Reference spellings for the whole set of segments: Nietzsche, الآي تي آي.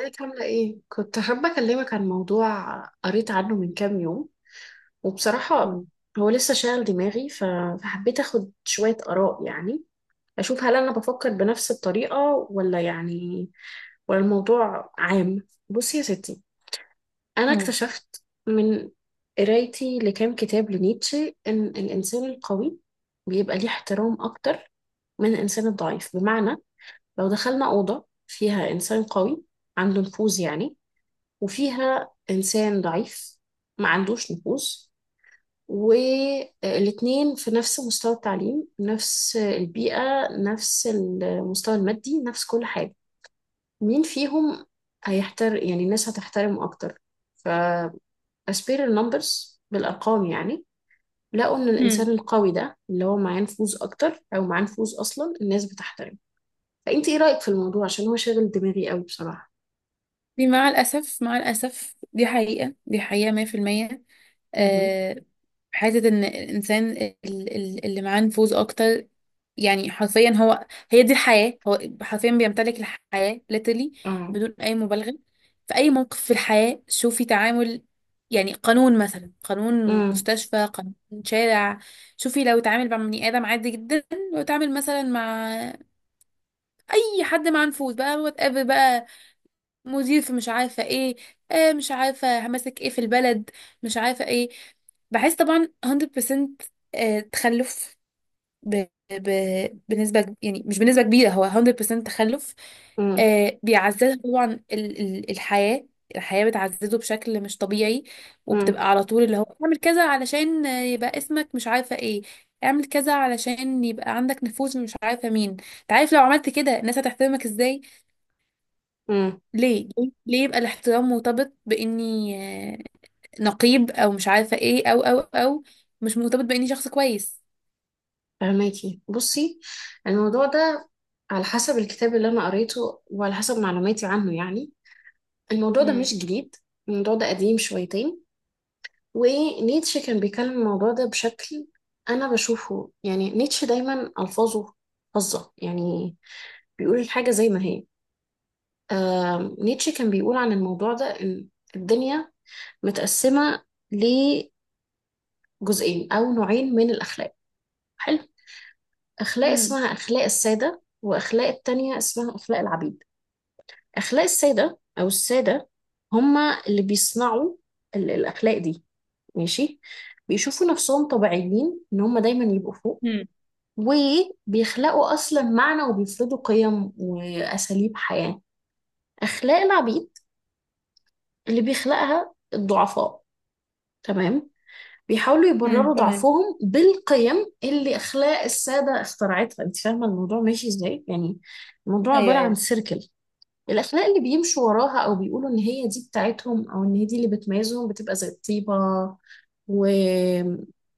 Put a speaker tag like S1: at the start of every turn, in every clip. S1: ازيك عاملة ايه؟ كنت حابة اكلمك عن موضوع قريت عنه من كام يوم، وبصراحة
S2: مم.
S1: هو لسه شاغل دماغي فحبيت اخد شوية آراء، يعني اشوف هل انا بفكر بنفس الطريقة ولا يعني، ولا الموضوع عام؟ بصي يا ستي، انا
S2: مم.
S1: اكتشفت من قرايتي لكام كتاب لنيتشه ان الانسان القوي بيبقى ليه احترام اكتر من الانسان الضعيف. بمعنى لو دخلنا أوضة فيها انسان قوي عنده نفوذ يعني، وفيها إنسان ضعيف ما عندوش نفوذ، والاتنين في نفس مستوى التعليم، نفس البيئة، نفس المستوى المادي، نفس كل حاجة، مين فيهم يعني الناس هتحترمه أكتر؟ ف As per the numbers، بالأرقام يعني، لقوا إن
S2: مم.
S1: الإنسان القوي ده اللي هو معاه نفوذ أكتر، أو معاه نفوذ أصلا، الناس بتحترمه. فأنت إيه رأيك في الموضوع؟ عشان هو شاغل دماغي قوي بصراحة.
S2: دي مع الأسف مع الأسف دي حقيقة دي حقيقة 100%.
S1: مهم.
S2: آه، حتة إن الإنسان اللي معاه نفوذ أكتر، يعني حرفيا هو هي دي الحياة، هو حرفيا بيمتلك الحياة literally،
S1: اه.
S2: بدون أي مبالغة. في أي موقف في الحياة شوفي تعامل، يعني قانون مثلا، قانون
S1: امم
S2: مستشفى، قانون شارع. شوفي لو اتعامل مع بني آدم عادي جدا، لو اتعامل مثلا مع أي حد مع نفوذ بقى، وات ايفر بقى، مدير في مش عارفة ايه، آه مش عارفة همسك ايه في البلد، مش عارفة ايه، بحس طبعا 100%. آه، تخلف. ب... ب... بنسبة يعني مش بنسبة كبيرة، هو 100% تخلف.
S1: امم
S2: آه، بيعزز طبعا الحياة، الحياة بتعززه بشكل مش طبيعي، وبتبقى على طول اللي هو اعمل كذا علشان آه، يبقى اسمك مش عارفة ايه، اعمل كذا علشان يبقى عندك نفوذ، مش عارفة مين، انت عارف لو عملت كده الناس هتحترمك ازاي.
S1: امم
S2: ليه يبقى الاحترام مرتبط باني آه، نقيب او مش عارفه ايه او مش مرتبط باني شخص كويس.
S1: فهماكي؟ بصي الموضوع ده، على حسب الكتاب اللي انا قريته وعلى حسب معلوماتي عنه، يعني الموضوع ده
S2: امم.
S1: مش جديد. الموضوع ده قديم شويتين. ونيتشه كان بيكلم الموضوع ده بشكل، انا بشوفه يعني نيتشه دايما الفاظه فظه يعني، بيقول الحاجه زي ما هي. نيتشه كان بيقول عن الموضوع ده ان الدنيا متقسمه لجزئين او نوعين من الاخلاق. حلو. اخلاق
S2: امم.
S1: اسمها اخلاق الساده، واخلاق التانية اسمها اخلاق العبيد. أخلاق السادة، أو السادة، هما اللي بيصنعوا الأخلاق دي. ماشي. بيشوفوا نفسهم طبيعيين إن هما دايما يبقوا فوق،
S2: امم.
S1: وبيخلقوا أصلا معنى وبيفرضوا قيم وأساليب حياة. أخلاق العبيد اللي بيخلقها الضعفاء، تمام، بيحاولوا
S2: امم،
S1: يبرروا
S2: تمام.
S1: ضعفهم بالقيم اللي أخلاق السادة اخترعتها. أنت فاهمة الموضوع ماشي إزاي يعني؟ الموضوع
S2: ايوه،
S1: عبارة عن
S2: ايوه.
S1: سيركل. الأخلاق اللي بيمشوا وراها، أو بيقولوا إن هي دي بتاعتهم أو إن هي دي اللي بتميزهم، بتبقى زي الطيبة و...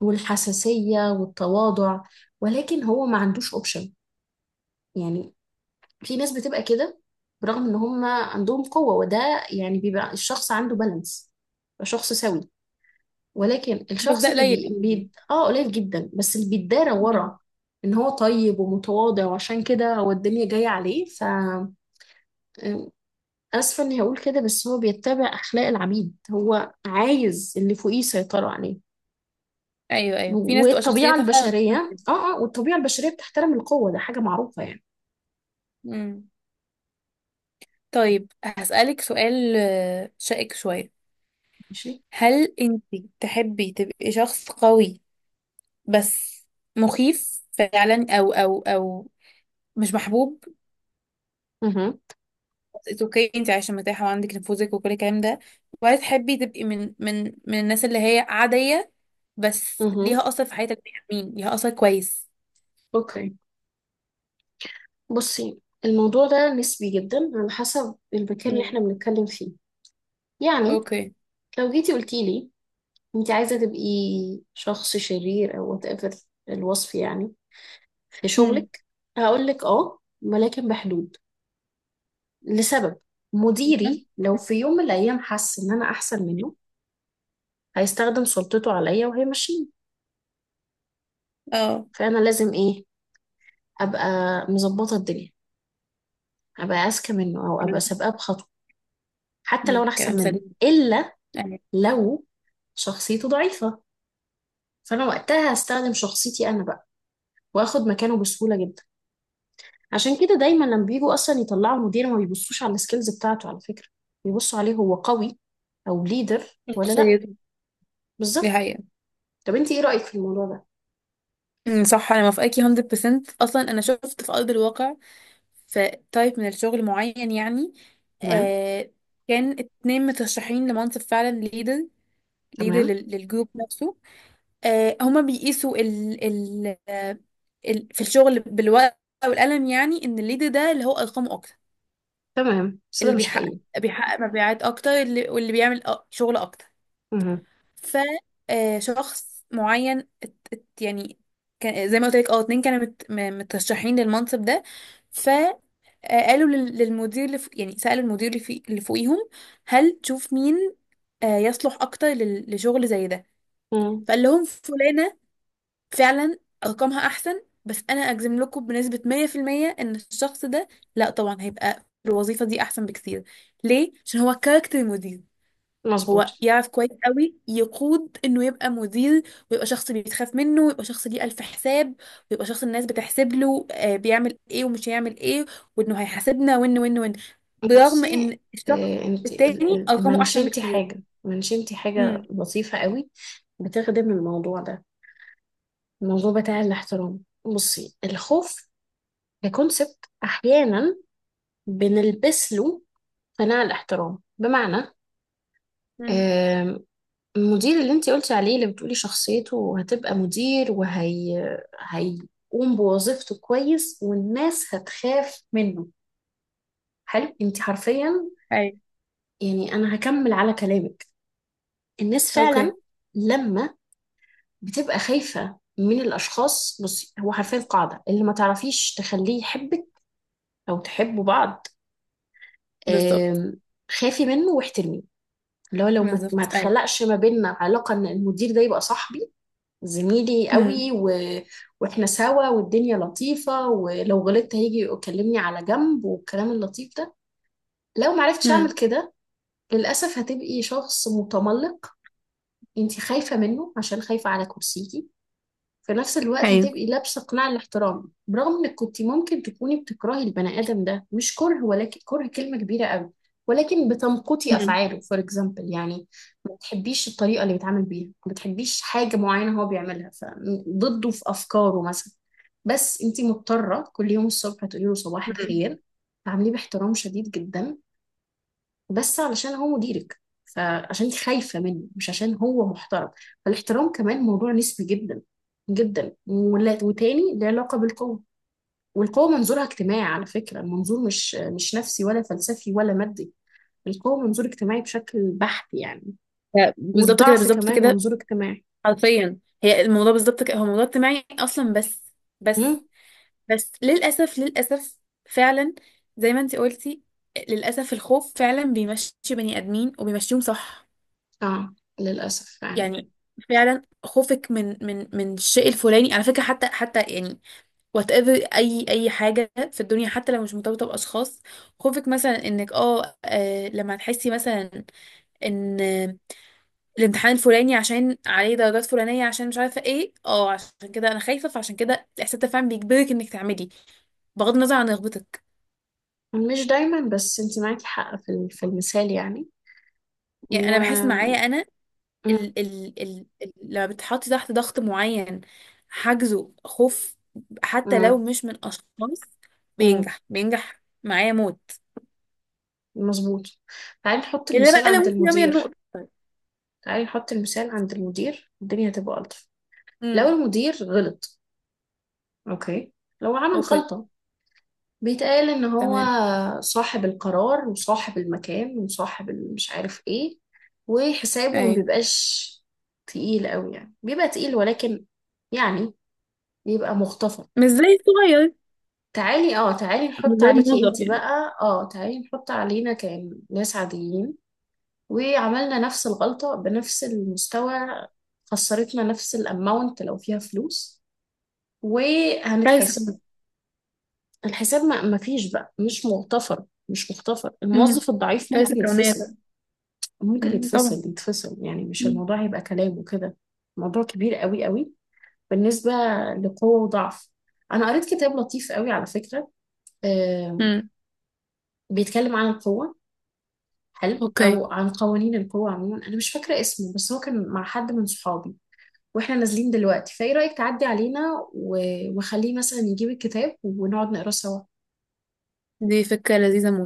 S1: والحساسية والتواضع. ولكن هو ما عندوش أوبشن. يعني في ناس بتبقى كده برغم إن هم عندهم قوة، وده يعني بيبقى الشخص عنده بالانس، يبقى شخص سوي. ولكن
S2: بس ده
S1: الشخص اللي
S2: قليل
S1: بي...
S2: قوي يعني.
S1: بي... آه قليل جدا، بس اللي بيتدارى
S2: مم.
S1: ورا إن هو طيب ومتواضع وعشان كده هو الدنيا جاية عليه. اسفه اني هقول كده بس هو بيتبع اخلاق العبيد، هو عايز اللي فوقيه يسيطروا عليه.
S2: ايوه ايوه، في ناس تبقى
S1: والطبيعه
S2: شخصيتها فعلا أصلاً
S1: البشريه
S2: كده.
S1: اه اه والطبيعه البشريه بتحترم القوه، ده حاجه معروفه يعني.
S2: مم. طيب هسألك سؤال آه، شائك شويه.
S1: ماشي.
S2: هل انت تحبي تبقي شخص قوي بس مخيف فعلا او مش محبوب؟
S1: اها،
S2: اتس اوكي، انت عايشه مرتاحه وعندك نفوذك وكل الكلام ده. وعايز تحبي تبقي من الناس اللي هي عاديه بس
S1: اها.
S2: ليها اثر في حياتك، بني آدمين ليها اثر كويس.
S1: اوكي. بصي الموضوع ده نسبي جدا على حسب المكان اللي احنا
S2: امم.
S1: بنتكلم فيه. يعني
S2: اوكي.
S1: لو جيتي قلتي لي انت عايزه تبقي شخص شرير او وات ايفر الوصف يعني، في
S2: امم.
S1: شغلك، هقول لك اه ولكن بحدود. لسبب: مديري لو في يوم من الأيام حس إن أنا أحسن منه، هيستخدم سلطته عليا وهيمشيني.
S2: اه
S1: فأنا لازم إيه؟ أبقى مظبطة الدنيا، أبقى أذكى منه، أو أبقى
S2: كلام.
S1: سابقاه بخطوة حتى لو
S2: امم،
S1: أنا
S2: كلام
S1: أحسن منه،
S2: سليم
S1: إلا
S2: يعني.
S1: لو شخصيته ضعيفة فأنا وقتها هستخدم شخصيتي أنا بقى، وآخد مكانه بسهولة جدا. عشان كده دايما لما بيجوا أصلا يطلعوا مدير، ما بيبصوش على السكيلز بتاعته على فكرة. بيبصوا عليه هو قوي أو ليدر ولا لأ.
S2: شخصيته. دي
S1: بالظبط.
S2: حقيقة.
S1: طب أنت إيه رأيك في الموضوع ده؟
S2: امم، صح، انا موافقاكي 100%. اصلا انا شفت في ارض الواقع، في تايب من الشغل معين يعني.
S1: تمام،
S2: آه، كان 2 مترشحين لمنصب فعلا، ليدر، ليدر
S1: تمام،
S2: للجروب نفسه. آه، هما بيقيسوا ال آه، ال في الشغل بالورقة والقلم، يعني ان الليد ده اللي هو ارقامه اكتر،
S1: تمام، بس ده
S2: اللي
S1: مش
S2: بيحقق،
S1: حقيقي.
S2: بيحقق مبيعات اكتر، واللي بيعمل شغل اكتر.
S1: مهم.
S2: ف آه، شخص معين يعني كان زي ما قلت لك، اه 2 كانوا مترشحين للمنصب ده. فقالوا للمدير اللي فوق، يعني سألوا المدير اللي فوقيهم، هل تشوف مين آه، يصلح اكتر لشغل زي ده؟
S1: مم.
S2: فقال لهم فلانة فعلا ارقامها احسن، بس انا اجزم لكم بنسبة 100% ان الشخص ده، لا طبعا هيبقى في الوظيفة دي احسن بكتير. ليه؟ عشان هو كاركتر مدير.
S1: مظبوط.
S2: هو يعرف كويس قوي يقود، انه يبقى مدير، ويبقى شخص بيتخاف منه، ويبقى شخص ليه الف حساب، ويبقى شخص الناس بتحسب له آه، بيعمل ايه ومش هيعمل ايه، وانه هيحاسبنا وان، برغم
S1: بصي،
S2: ان الشخص
S1: انت
S2: التاني ارقامه احسن
S1: منشنتي
S2: بكتير.
S1: حاجة منشنتي حاجة
S2: امم.
S1: لطيفة قوي بتخدم الموضوع ده، الموضوع بتاع الاحترام. بصي، الخوف ككونسبت احيانا بنلبس له قناع الاحترام. بمعنى،
S2: امم.
S1: آم، المدير اللي انت قلتي عليه، اللي بتقولي شخصيته هتبقى مدير وهي هيقوم بوظيفته كويس والناس هتخاف منه، حلو، انت حرفيا
S2: اي.
S1: يعني، أنا هكمل على كلامك. الناس
S2: اوكي.
S1: فعلا لما بتبقى خايفة من الأشخاص، بصي هو حرفيا قاعدة، اللي ما تعرفيش تخليه يحبك أو تحبوا بعض،
S2: بالظبط،
S1: آم، خافي منه واحترميه. اللي هو لو ما
S2: بالظبط. اي.
S1: تخلقش ما بيننا علاقة إن المدير ده يبقى صاحبي، زميلي
S2: امم.
S1: قوي، واحنا سوا والدنيا لطيفة ولو غلطت هيجي يكلمني على جنب والكلام اللطيف ده، لو معرفتش أعمل
S2: امم.
S1: كده للأسف هتبقي شخص متملق. انت خايفة منه عشان خايفة على كرسيكي. في نفس الوقت هتبقي لابسة قناع الاحترام، برغم انك كنت ممكن تكوني بتكرهي البني آدم ده. مش كره، ولكن كره كلمة كبيرة قوي، ولكن بتمقتي
S2: مم.
S1: افعاله، فور اكزامبل يعني. ما بتحبيش الطريقة اللي بيتعامل بيها، ما بتحبيش حاجة معينة هو بيعملها، فضده في افكاره مثلا. بس انت مضطرة كل يوم الصبح تقولي له صباح
S2: مم.
S1: الخير، تعامليه باحترام شديد جدا، بس علشان هو مديرك، فعشان انت خايفة منه مش عشان هو محترم. فالاحترام كمان موضوع نسبي جدا جدا، وتاني له علاقة بالقوة. والقوة منظورها اجتماعي، على فكرة المنظور مش نفسي ولا فلسفي ولا مادي. القوة منظور اجتماعي بشكل بحت يعني.
S2: ف- بالظبط كده،
S1: والضعف
S2: بالظبط
S1: كمان
S2: كده.
S1: منظور اجتماعي.
S2: حرفيا، هي الموضوع بالظبط كده، هو موضوع اجتماعي اصلا. بس. بس.
S1: امم
S2: بس للاسف، فعلا زي ما انت قلتي، للاسف الخوف فعلا بيمشي بني ادمين وبيمشيهم صح
S1: اه، للأسف فعلا.
S2: يعني. فعلا خوفك من الشيء الفلاني، على فكره، حتى يعني وات ايفر، اي حاجه في الدنيا، حتى لو مش مرتبطه باشخاص. خوفك مثلا انك اه آه، لما تحسي مثلا ان الامتحان الفلاني عشان عليه درجات فلانية، عشان مش عارفة ايه، اه عشان كده انا خايفة، فعشان كده الاحساس ده فعلا بيجبرك انك تعملي، بغض النظر عن رغبتك.
S1: مش دايما، بس انت معاكي حق في في المثال يعني.
S2: يعني انا بحس
S1: و
S2: معايا انا
S1: مم.
S2: ال لما بتحطي تحت ضغط معين، حاجزه خوف، حتى لو
S1: مم.
S2: مش من اشخاص،
S1: مم.
S2: بينجح، بينجح معايا موت.
S1: مظبوط. تعالي نحط
S2: الا
S1: المثال
S2: بقى لو
S1: عند
S2: ممكن رامية
S1: المدير،
S2: النقطة.
S1: تعالي نحط المثال عند المدير الدنيا هتبقى ألطف. لو
S2: امم.
S1: المدير غلط، أوكي، لو عمل
S2: اوكي.
S1: غلطة، بيتقال إن هو
S2: تمام.
S1: صاحب القرار وصاحب المكان وصاحب مش عارف إيه، وحسابه ما
S2: ايوه.
S1: بيبقاش تقيل قوي يعني، بيبقى تقيل، ولكن يعني بيبقى مختصر.
S2: مش زي الصغير.
S1: تعالي
S2: مش
S1: نحط
S2: زي
S1: عليكي
S2: الموظف
S1: انتي
S2: يعني.
S1: بقى تعالي نحط علينا كناس عاديين وعملنا نفس الغلطة بنفس المستوى، خسرتنا نفس الاماونت لو فيها فلوس،
S2: كارثة
S1: وهنتحاسب.
S2: كمان.
S1: الحساب ما فيش بقى، مش مغتفر، مش مغتفر.
S2: امم.
S1: الموظف الضعيف ممكن
S2: كارثة كونية
S1: يتفصل،
S2: طبعا.
S1: ممكن
S2: امم،
S1: يتفصل
S2: طبعا.
S1: يتفصل يعني، مش الموضوع هيبقى كلام وكده. موضوع كبير قوي قوي. بالنسبة لقوة وضعف، أنا قريت كتاب لطيف قوي على فكرة، آه،
S2: امم.
S1: بيتكلم عن القوة. حلو،
S2: اوكي.
S1: أو عن قوانين القوة عموما، أنا مش فاكرة اسمه، بس هو كان مع حد من صحابي، واحنا نازلين دلوقتي، فايه رأيك تعدي علينا و- وخليه مثلا يجيب الكتاب ونقعد نقراه سوا؟
S2: دي فكرة لذيذة موت.